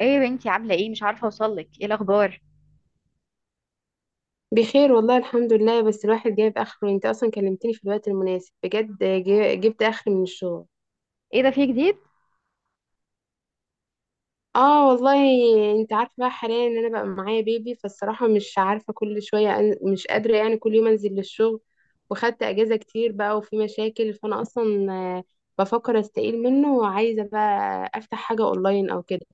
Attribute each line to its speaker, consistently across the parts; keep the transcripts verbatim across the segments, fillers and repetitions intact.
Speaker 1: ايه يا بنتي، عامله ايه؟ مش عارفه اوصلك، ايه الاخبار؟
Speaker 2: بخير والله الحمد لله. بس الواحد جايب اخره. انت اصلا كلمتني في الوقت المناسب بجد. جي- جبت اخر من الشغل.
Speaker 1: ايه ده، في جديد؟
Speaker 2: اه والله. انت عارفه بقى، حاليا ان انا بقى معايا بيبي. فالصراحه مش عارفه، كل شويه أن... مش قادره يعني كل يوم انزل للشغل. وخدت اجازه كتير بقى، وفي مشاكل، فانا اصلا آه، بفكر استقيل منه، وعايزه بقى افتح حاجه اونلاين او كده.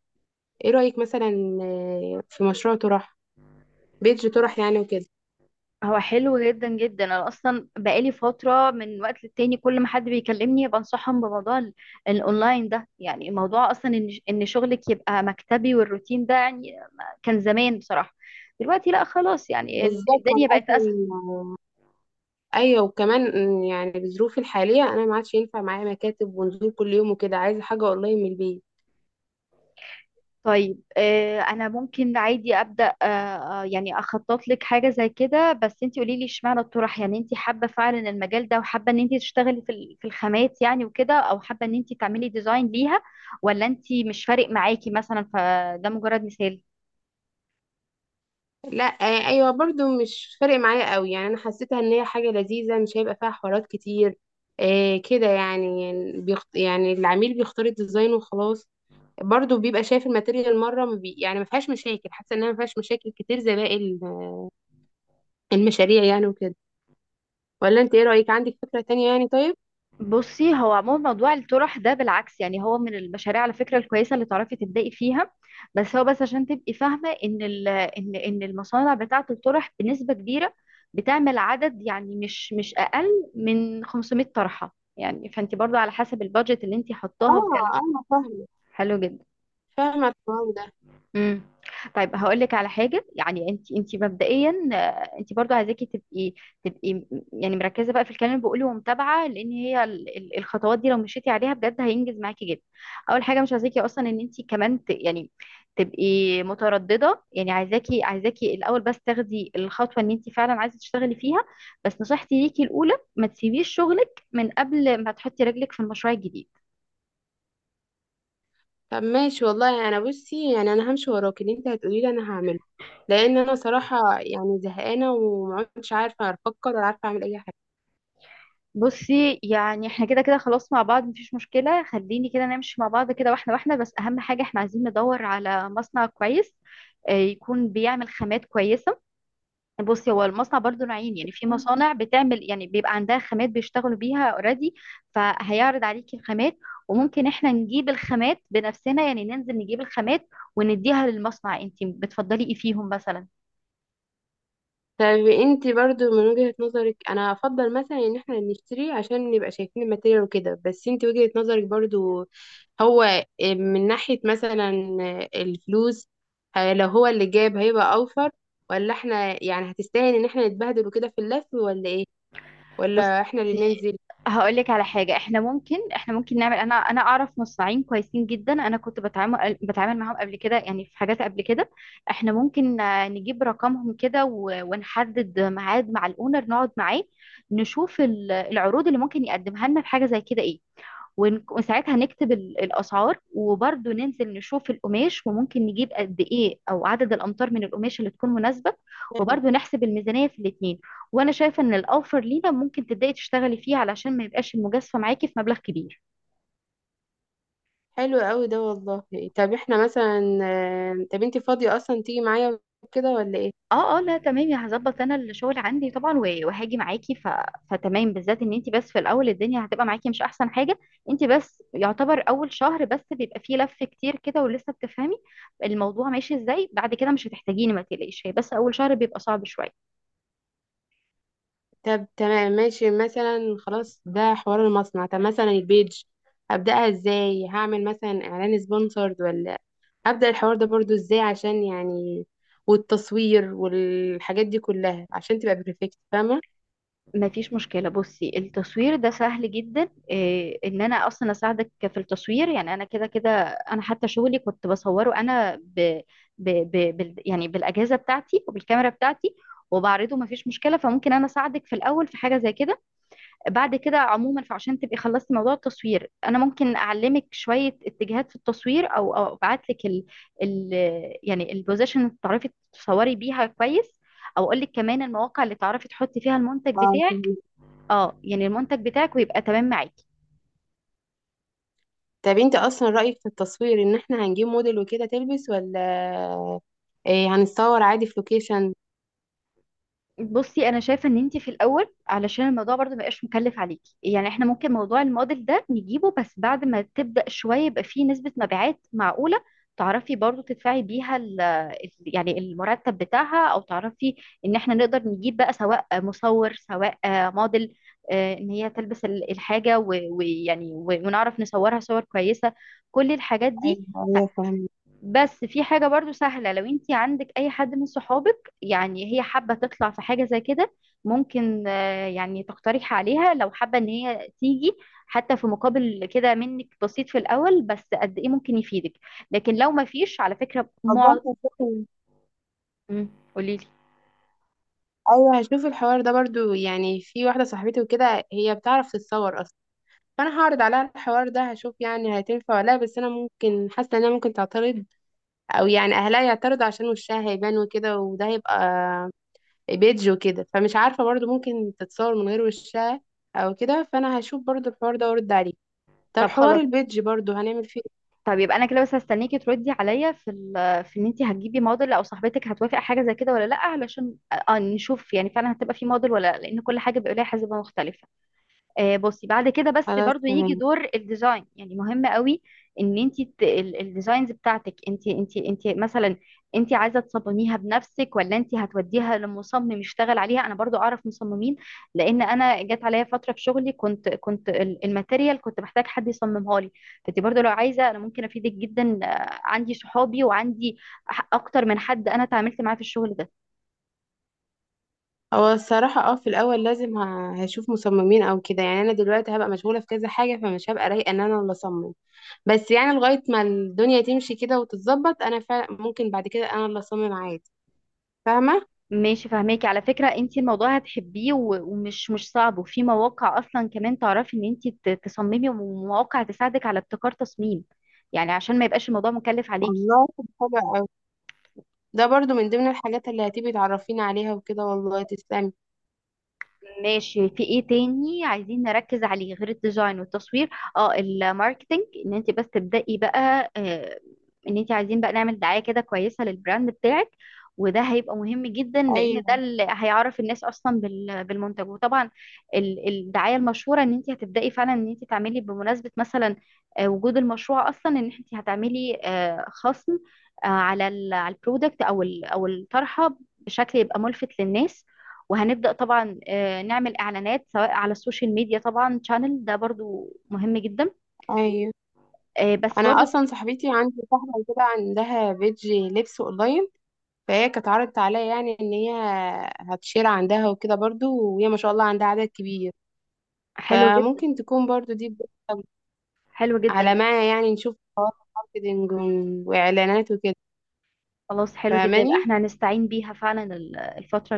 Speaker 2: ايه رايك مثلا؟ آه، في مشروع طرح، بيج طرح يعني وكده.
Speaker 1: هو حلو جدا جدا. انا اصلا بقالي فتره من وقت للتاني كل ما حد بيكلمني بنصحهم بموضوع ال- الاونلاين ده. يعني موضوع اصلا ان ان شغلك يبقى مكتبي والروتين ده يعني كان زمان بصراحه. دلوقتي لا خلاص، يعني ال-
Speaker 2: بالظبط، انا
Speaker 1: الدنيا بقت اسهل.
Speaker 2: اصلا ايوه. وكمان إن يعني بظروفي الحاليه انا ما عادش ينفع معايا مكاتب ونزول كل يوم وكده، عايزه حاجه والله من البيت.
Speaker 1: طيب آه، انا ممكن عادي ابدا آه، آه، يعني اخطط لك حاجه زي كده، بس انت قولي لي اشمعنى الطرح؟ يعني انت حابه فعلا المجال ده وحابه ان انت تشتغلي في ال- في الخامات يعني وكده، او حابه ان انت تعملي ديزاين ليها، ولا انت مش فارق معاكي مثلا؟ فده مجرد مثال.
Speaker 2: لا، آه، ايوه، برضو مش فارق معايا قوي. يعني انا حسيتها ان هي حاجه لذيذه، مش هيبقى فيها حوارات كتير. آه كده. يعني يعني بيخت... يعني العميل بيختار الديزاين وخلاص. برضو بيبقى شايف الماتيريال مره. ما بي... يعني ما فيهاش مشاكل. حاسه انها ما فيهاش مشاكل كتير زي باقي ال- المشاريع يعني وكده. ولا انت ايه رايك، عندك فكره تانية يعني؟ طيب.
Speaker 1: بصي، هو عموما موضوع الطرح ده بالعكس، يعني هو من المشاريع على فكرة الكويسة اللي تعرفي تبدأي فيها. بس هو بس عشان تبقي فاهمة ان ال- ان ان المصانع بتاعة الطرح بنسبة كبيرة بتعمل عدد، يعني مش مش اقل من خمسمائة طرحة يعني. فانت برضو على حسب البادجت اللي انت
Speaker 2: اه،
Speaker 1: حطاها وكلام.
Speaker 2: انا فاهمه،
Speaker 1: حلو جدا.
Speaker 2: فاهمه الحوار ده.
Speaker 1: امم طيب هقول لك على حاجه. يعني انت انت مبدئيا آه، انت برضو عايزاكي تبقي تبقي م- يعني مركزه بقى في الكلام اللي بقوله ومتابعه، لان هي ال- ال- الخطوات دي لو مشيتي عليها بجد هينجز معاكي جدا. اول حاجه مش عايزاكي اصلا ان انت كمان ت يعني تبقي متردده. يعني عايزاكي عايزاكي الاول بس تاخدي الخطوه ان انت فعلا عايزه تشتغلي فيها. بس نصيحتي ليكي الاولى ما تسيبيش شغلك من قبل ما تحطي رجلك في المشروع الجديد.
Speaker 2: طب ماشي والله. انا بصي يعني انا همشي وراك، اللي انت هتقولي لي انا هعمله، لان انا صراحه يعني زهقانه ومعدتش عارفه افكر ولا عارفه اعمل اي حاجه.
Speaker 1: بصي يعني احنا كده كده خلاص مع بعض، مفيش مشكلة. خليني كده نمشي مع بعض كده، واحنا واحنا بس أهم حاجة احنا عايزين ندور على مصنع كويس، آه، يكون بيعمل خامات كويسة. بصي هو المصنع برضو نوعين، يعني في مصانع بتعمل، يعني بيبقى عندها خامات بيشتغلوا بيها اوريدي، فهيعرض عليكي الخامات. وممكن احنا نجيب الخامات بنفسنا، يعني ننزل نجيب الخامات ونديها للمصنع. انتي بتفضلي ايه فيهم مثلا؟
Speaker 2: طب انت برضو من وجهه نظرك، انا افضل مثلا ان احنا نشتري عشان نبقى شايفين الماتيريال وكده، بس انت وجهه نظرك برضو، هو من ناحيه مثلا الفلوس، ه- لو هو اللي جاب هيبقى اوفر، ولا احنا يعني هتستاهل ان احنا نتبهدل وكده في اللف، ولا ايه؟ ولا
Speaker 1: بصي
Speaker 2: احنا اللي ننزل؟
Speaker 1: هقول لك على حاجة. احنا ممكن احنا ممكن نعمل انا انا اعرف مصنعين كويسين جدا، انا كنت بتعامل بتعامل معاهم قبل كده يعني في حاجات قبل كده. احنا ممكن آه، نجيب رقمهم كده و- ونحدد ميعاد مع الاونر نقعد معاه، نشوف ال- العروض اللي ممكن يقدمها لنا في حاجة زي كده، ايه ون- وساعتها نكتب ال- الأسعار. وبرضه ننزل نشوف القماش، وممكن نجيب قد إيه أو عدد الأمتار من القماش اللي تكون مناسبة، وبرضه نحسب الميزانية في الاتنين. وأنا شايفة إن الأوفر لينا ممكن تبدأي تشتغلي فيه علشان ما يبقاش المجازفة معاكي في مبلغ كبير.
Speaker 2: حلو قوي ده والله. طب احنا مثلا آه، طب انت فاضية اصلا تيجي معايا كده ولا ايه؟
Speaker 1: اه اه، لا تمام يا هظبط. انا الشغل عندي طبعا و- وهاجي معاكي ف... فتمام. بالذات ان انت بس في الاول الدنيا هتبقى معاكي مش احسن حاجه. انت بس يعتبر اول شهر بس بيبقى فيه لف كتير كده ولسه بتفهمي الموضوع ماشي ازاي. بعد كده مش هتحتاجيني، ما تقلقيش، هي بس اول شهر بيبقى صعب شويه.
Speaker 2: طب تمام ماشي مثلا. خلاص، ده حوار المصنع. طب مثلا البيج، ابدأها ازاي؟ هعمل مثلا اعلان سبونسرد، ولا ابدأ الحوار ده برضو ازاي عشان يعني والتصوير والحاجات دي كلها عشان تبقى بيرفكت، فاهمة؟
Speaker 1: ما فيش مشكلة. بصي التصوير ده سهل جدا، إيه ان انا اصلا اساعدك في التصوير. يعني انا كده كده، انا حتى شغلي كنت بصوره انا ب ب ب بال يعني بالاجهزة بتاعتي وبالكاميرا بتاعتي وبعرضه، ما فيش مشكلة. فممكن انا اساعدك في الاول في حاجة زي كده. بعد كده عموما، فعشان تبقي خلصتي موضوع التصوير، انا ممكن اعلمك شوية اتجاهات في التصوير او او ابعت لك ال ال يعني البوزيشن اللي تعرفي تصوري بيها كويس، او اقول لك كمان المواقع اللي تعرفي تحطي فيها المنتج
Speaker 2: اه،
Speaker 1: بتاعك،
Speaker 2: فهمت.
Speaker 1: اه يعني المنتج بتاعك ويبقى تمام معاكي.
Speaker 2: طب انت اصلا رأيك في التصوير ان احنا هنجيب موديل وكده تلبس، ولا ايه؟ هنتصور عادي في لوكيشن؟
Speaker 1: بصي انا شايفه ان انت في الاول، علشان الموضوع برضو ما يبقاش مكلف عليكي، يعني احنا ممكن موضوع الموديل ده نجيبه بس بعد ما تبدا شويه يبقى فيه نسبه مبيعات معقوله تعرفي برضو تدفعي بيها ال ال- يعني المرتب بتاعها، او تعرفي ان احنا نقدر نجيب بقى سواء مصور سواء آه، موديل، آه، ان هي تلبس ال- الحاجه و- ويعني و- ونعرف نصورها صور كويسه، كل الحاجات دي.
Speaker 2: ايوه، ايوه، فهمت.
Speaker 1: بس في حاجة برضو سهلة، لو انت عندك اي حد من صحابك يعني هي حابة تطلع في حاجة زي كده، ممكن آه، يعني تقترح عليها لو حابة ان هي تيجي حتى في مقابل كده منك بسيط في الاول، بس قد ايه ممكن يفيدك. لكن لو ما فيش على فكرة
Speaker 2: والله
Speaker 1: مع...
Speaker 2: هشوف.
Speaker 1: مم، قوليلي.
Speaker 2: ايوه، هشوف الحوار ده برضو. يعني في واحده صاحبتي وكده هي بتعرف تتصور اصلا، فانا هعرض عليها الحوار ده، هشوف يعني هتنفع ولا لا. بس انا ممكن حاسه انها ممكن تعترض، او يعني اهلها يعترضوا عشان وشها هيبان وكده، وده هيبقى بيدج وكده، فمش عارفه برضو ممكن تتصور من غير وشها او كده. فانا هشوف برضو الحوار ده وارد عليه. طب
Speaker 1: طب
Speaker 2: حوار
Speaker 1: خلاص.
Speaker 2: البيدج برضو هنعمل فيه إيه؟
Speaker 1: طب يبقى انا كده بس هستنيكي تردي عليا في ال... في ان انت هتجيبي موديل او صاحبتك هتوافق حاجة زي كده ولا لا، علشان آه، نشوف يعني فعلا هتبقى في موديل ولا لا، لان كل حاجة بيبقى لها حسبة مختلفة. آه، بصي بعد كده بس
Speaker 2: خلاص
Speaker 1: برضو يجي
Speaker 2: تمام.
Speaker 1: دور الديزاين، يعني مهم قوي. ان انت الديزاينز بتاعتك انت انت انت مثلا، انت عايزه تصمميها بنفسك، ولا انت هتوديها لمصمم يشتغل عليها؟ انا برضو اعرف مصممين، لان انا جت عليا فتره في شغلي كنت كنت ال- الماتيريال كنت محتاج حد يصممها لي. فانت برضو لو عايزه، انا ممكن افيدك جدا، آه، عندي صحابي وعندي ح- اكتر من حد انا تعاملت معاه في الشغل ده.
Speaker 2: هو الصراحة اه في الأول لازم ه- هشوف مصممين أو كده يعني. أنا دلوقتي هبقى مشغولة في كذا حاجة، فمش هبقى رايقة إن أنا اللي أصمم. بس يعني لغاية ما الدنيا تمشي كده وتتظبط، أنا فعلا ممكن بعد كده أنا اللي أصمم عادي. فاهمة؟
Speaker 1: ماشي، فهماكي على فكرة انت الموضوع هتحبيه و- ومش مش صعب، وفي مواقع اصلا كمان تعرفي ان انت ت- تصممي ومواقع تساعدك على ابتكار تصميم، يعني عشان ما يبقاش الموضوع مكلف عليكي.
Speaker 2: والله طب، حلو أوي. ده برضو من ضمن الحاجات اللي هتبقي تعرفيني عليها وكده، والله تسلمي.
Speaker 1: ماشي، في ايه تاني عايزين نركز عليه غير الديزاين والتصوير؟ اه الماركتينج، ان انت بس تبدأي بقى، آه، ان انت عايزين بقى نعمل دعاية كده كويسة للبراند بتاعك. وده هيبقى مهم جدا لان ده
Speaker 2: أيوه،
Speaker 1: اللي هيعرف الناس اصلا بال- بالمنتج. وطبعا ال- الدعاية المشهورة ان انت هتبدأي فعلا ان انت تعملي بمناسبة مثلا آه، وجود المشروع اصلا، ان انت هتعملي آه، خصم آه، على ال- على البرودكت او ال- او الطرحة بشكل يبقى ملفت للناس. وهنبدأ طبعا آه، نعمل اعلانات سواء على السوشيال ميديا، طبعا شانل ده برضو مهم جدا.
Speaker 2: أيوه.
Speaker 1: آه، بس
Speaker 2: أنا
Speaker 1: برضو
Speaker 2: أصلا صاحبتي، عندي صاحبة كده عندها بيج لبس أونلاين. فهي كانت عرضت عليا يعني إن هي هتشير عندها وكده برضو، وهي ما شاء الله عندها عدد كبير.
Speaker 1: حلو جدا.
Speaker 2: فممكن تكون برضو دي بداية،
Speaker 1: حلو جدا
Speaker 2: على
Speaker 1: يبقى.
Speaker 2: ما يعني نشوف خطوات ماركتينج وإعلانات وكده.
Speaker 1: خلاص حلو جدا يبقى
Speaker 2: فاهماني؟
Speaker 1: احنا هنستعين بيها فعلا ال- الفترة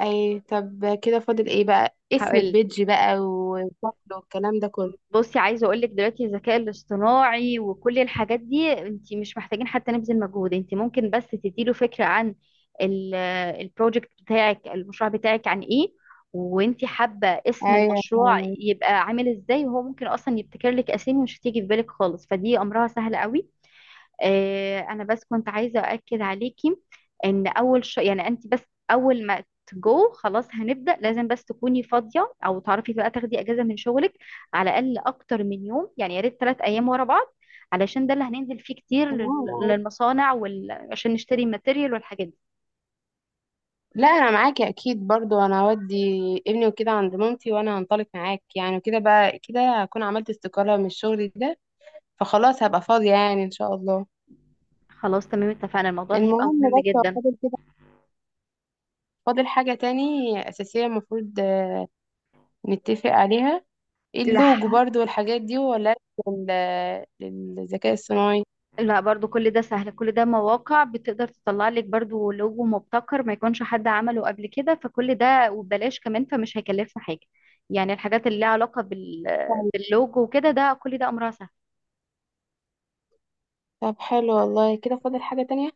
Speaker 2: أي، طب كده فاضل إيه بقى، اسم
Speaker 1: الجاية.
Speaker 2: البيدج بقى وشكله والكلام ده كله؟
Speaker 1: بصي عايزه اقول لك دلوقتي الذكاء الاصطناعي وكل الحاجات دي انت مش محتاجين حتى نبذل مجهود. انت ممكن بس تديله فكره عن البروجكت بتاعك، المشروع بتاعك عن ايه، وانت حابه اسم
Speaker 2: أيوة،
Speaker 1: المشروع يبقى عامل ازاي، وهو ممكن اصلا يبتكر لك اسامي مش هتيجي في بالك خالص، فدي امرها سهل قوي. آه، انا بس كنت عايزه اؤكد عليكي ان اول ش... يعني انت بس اول ما تجو خلاص هنبدا، لازم بس تكوني فاضيه او تعرفي بقى تاخدي اجازه من شغلك على الاقل اكتر من يوم. يعني يا ريت ثلاث ايام ورا بعض، علشان ده اللي هننزل فيه كتير لل-
Speaker 2: تمام.
Speaker 1: للمصانع وال... عشان نشتري ماتيريال والحاجات دي.
Speaker 2: لا أنا معاكي أكيد. برضو أنا هودي ابني وكده عند مامتي، وأنا هنطلق معاك يعني وكده بقى. كده هكون عملت استقالة من الشغل ده، فخلاص هبقى فاضية يعني إن شاء الله.
Speaker 1: خلاص تمام، اتفقنا، الموضوع ده هيبقى
Speaker 2: المهم
Speaker 1: مهم
Speaker 2: بس، هو
Speaker 1: جدا.
Speaker 2: فاضل كده، فاضل حاجة تاني أساسية المفروض نتفق عليها؟
Speaker 1: لح...
Speaker 2: اللوجو برضو والحاجات دي، ولا لل- للذكاء الصناعي؟
Speaker 1: لا برضو كل ده سهل، كل ده مواقع بتقدر تطلع لك برضو لوجو مبتكر ما يكونش حد عمله قبل كده، فكل ده وببلاش كمان، فمش هيكلفنا حاجة. يعني الحاجات اللي لها علاقة بال...
Speaker 2: طب.
Speaker 1: باللوجو وكده، ده كل ده أمرها سهل.
Speaker 2: طب حلو والله، كده فاضل حاجة تانية؟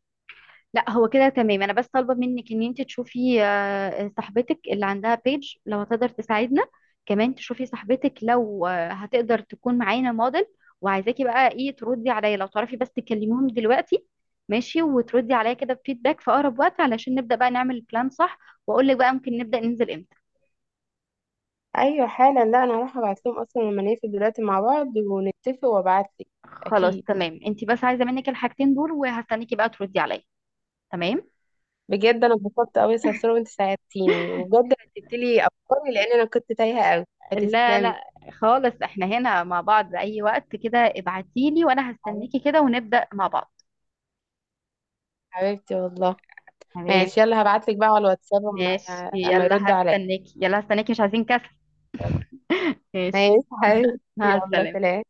Speaker 1: لا هو كده تمام، انا بس طالبه منك ان انت تشوفي آه، صاحبتك اللي عندها بيج لو هتقدر تساعدنا، كمان تشوفي صاحبتك لو آه، هتقدر تكون معانا موديل. وعايزاكي بقى ايه تردي عليا، لو تعرفي بس تكلميهم دلوقتي، ماشي، وتردي عليا كده بفيدباك في اقرب وقت علشان نبدا بقى نعمل البلان صح، واقول لك بقى ممكن نبدا ننزل امتى.
Speaker 2: ايوه حالا. لا انا هروح ابعت لهم اصلا لما نقفل دلوقتي مع بعض ونتفق وابعت لك.
Speaker 1: خلاص
Speaker 2: اكيد.
Speaker 1: تمام، انت بس عايزه منك الحاجتين دول وهستنيكي بقى تردي عليا. تمام.
Speaker 2: بجد انا اتبسطت قوي يا صرصور، وانت ساعدتيني وبجد رتبت لي افكاري، لان انا كنت تايهه قوي.
Speaker 1: لا
Speaker 2: هتسلمي.
Speaker 1: لا خالص، احنا هنا مع بعض اي وقت كده، ابعتيلي وانا هستنيكي
Speaker 2: حبيبتي،
Speaker 1: كده ونبدأ مع بعض.
Speaker 2: حبيبتي والله.
Speaker 1: تمام.
Speaker 2: ماشي، يلا هبعت لك بقى على الواتساب اما
Speaker 1: ماشي
Speaker 2: اما
Speaker 1: يلا،
Speaker 2: يرد عليا.
Speaker 1: هستنيكي. يلا هستنيكي، مش عايزين كسل. ماشي.
Speaker 2: ماشي حبيبتي،
Speaker 1: مع
Speaker 2: يلا
Speaker 1: السلامة.
Speaker 2: سلام.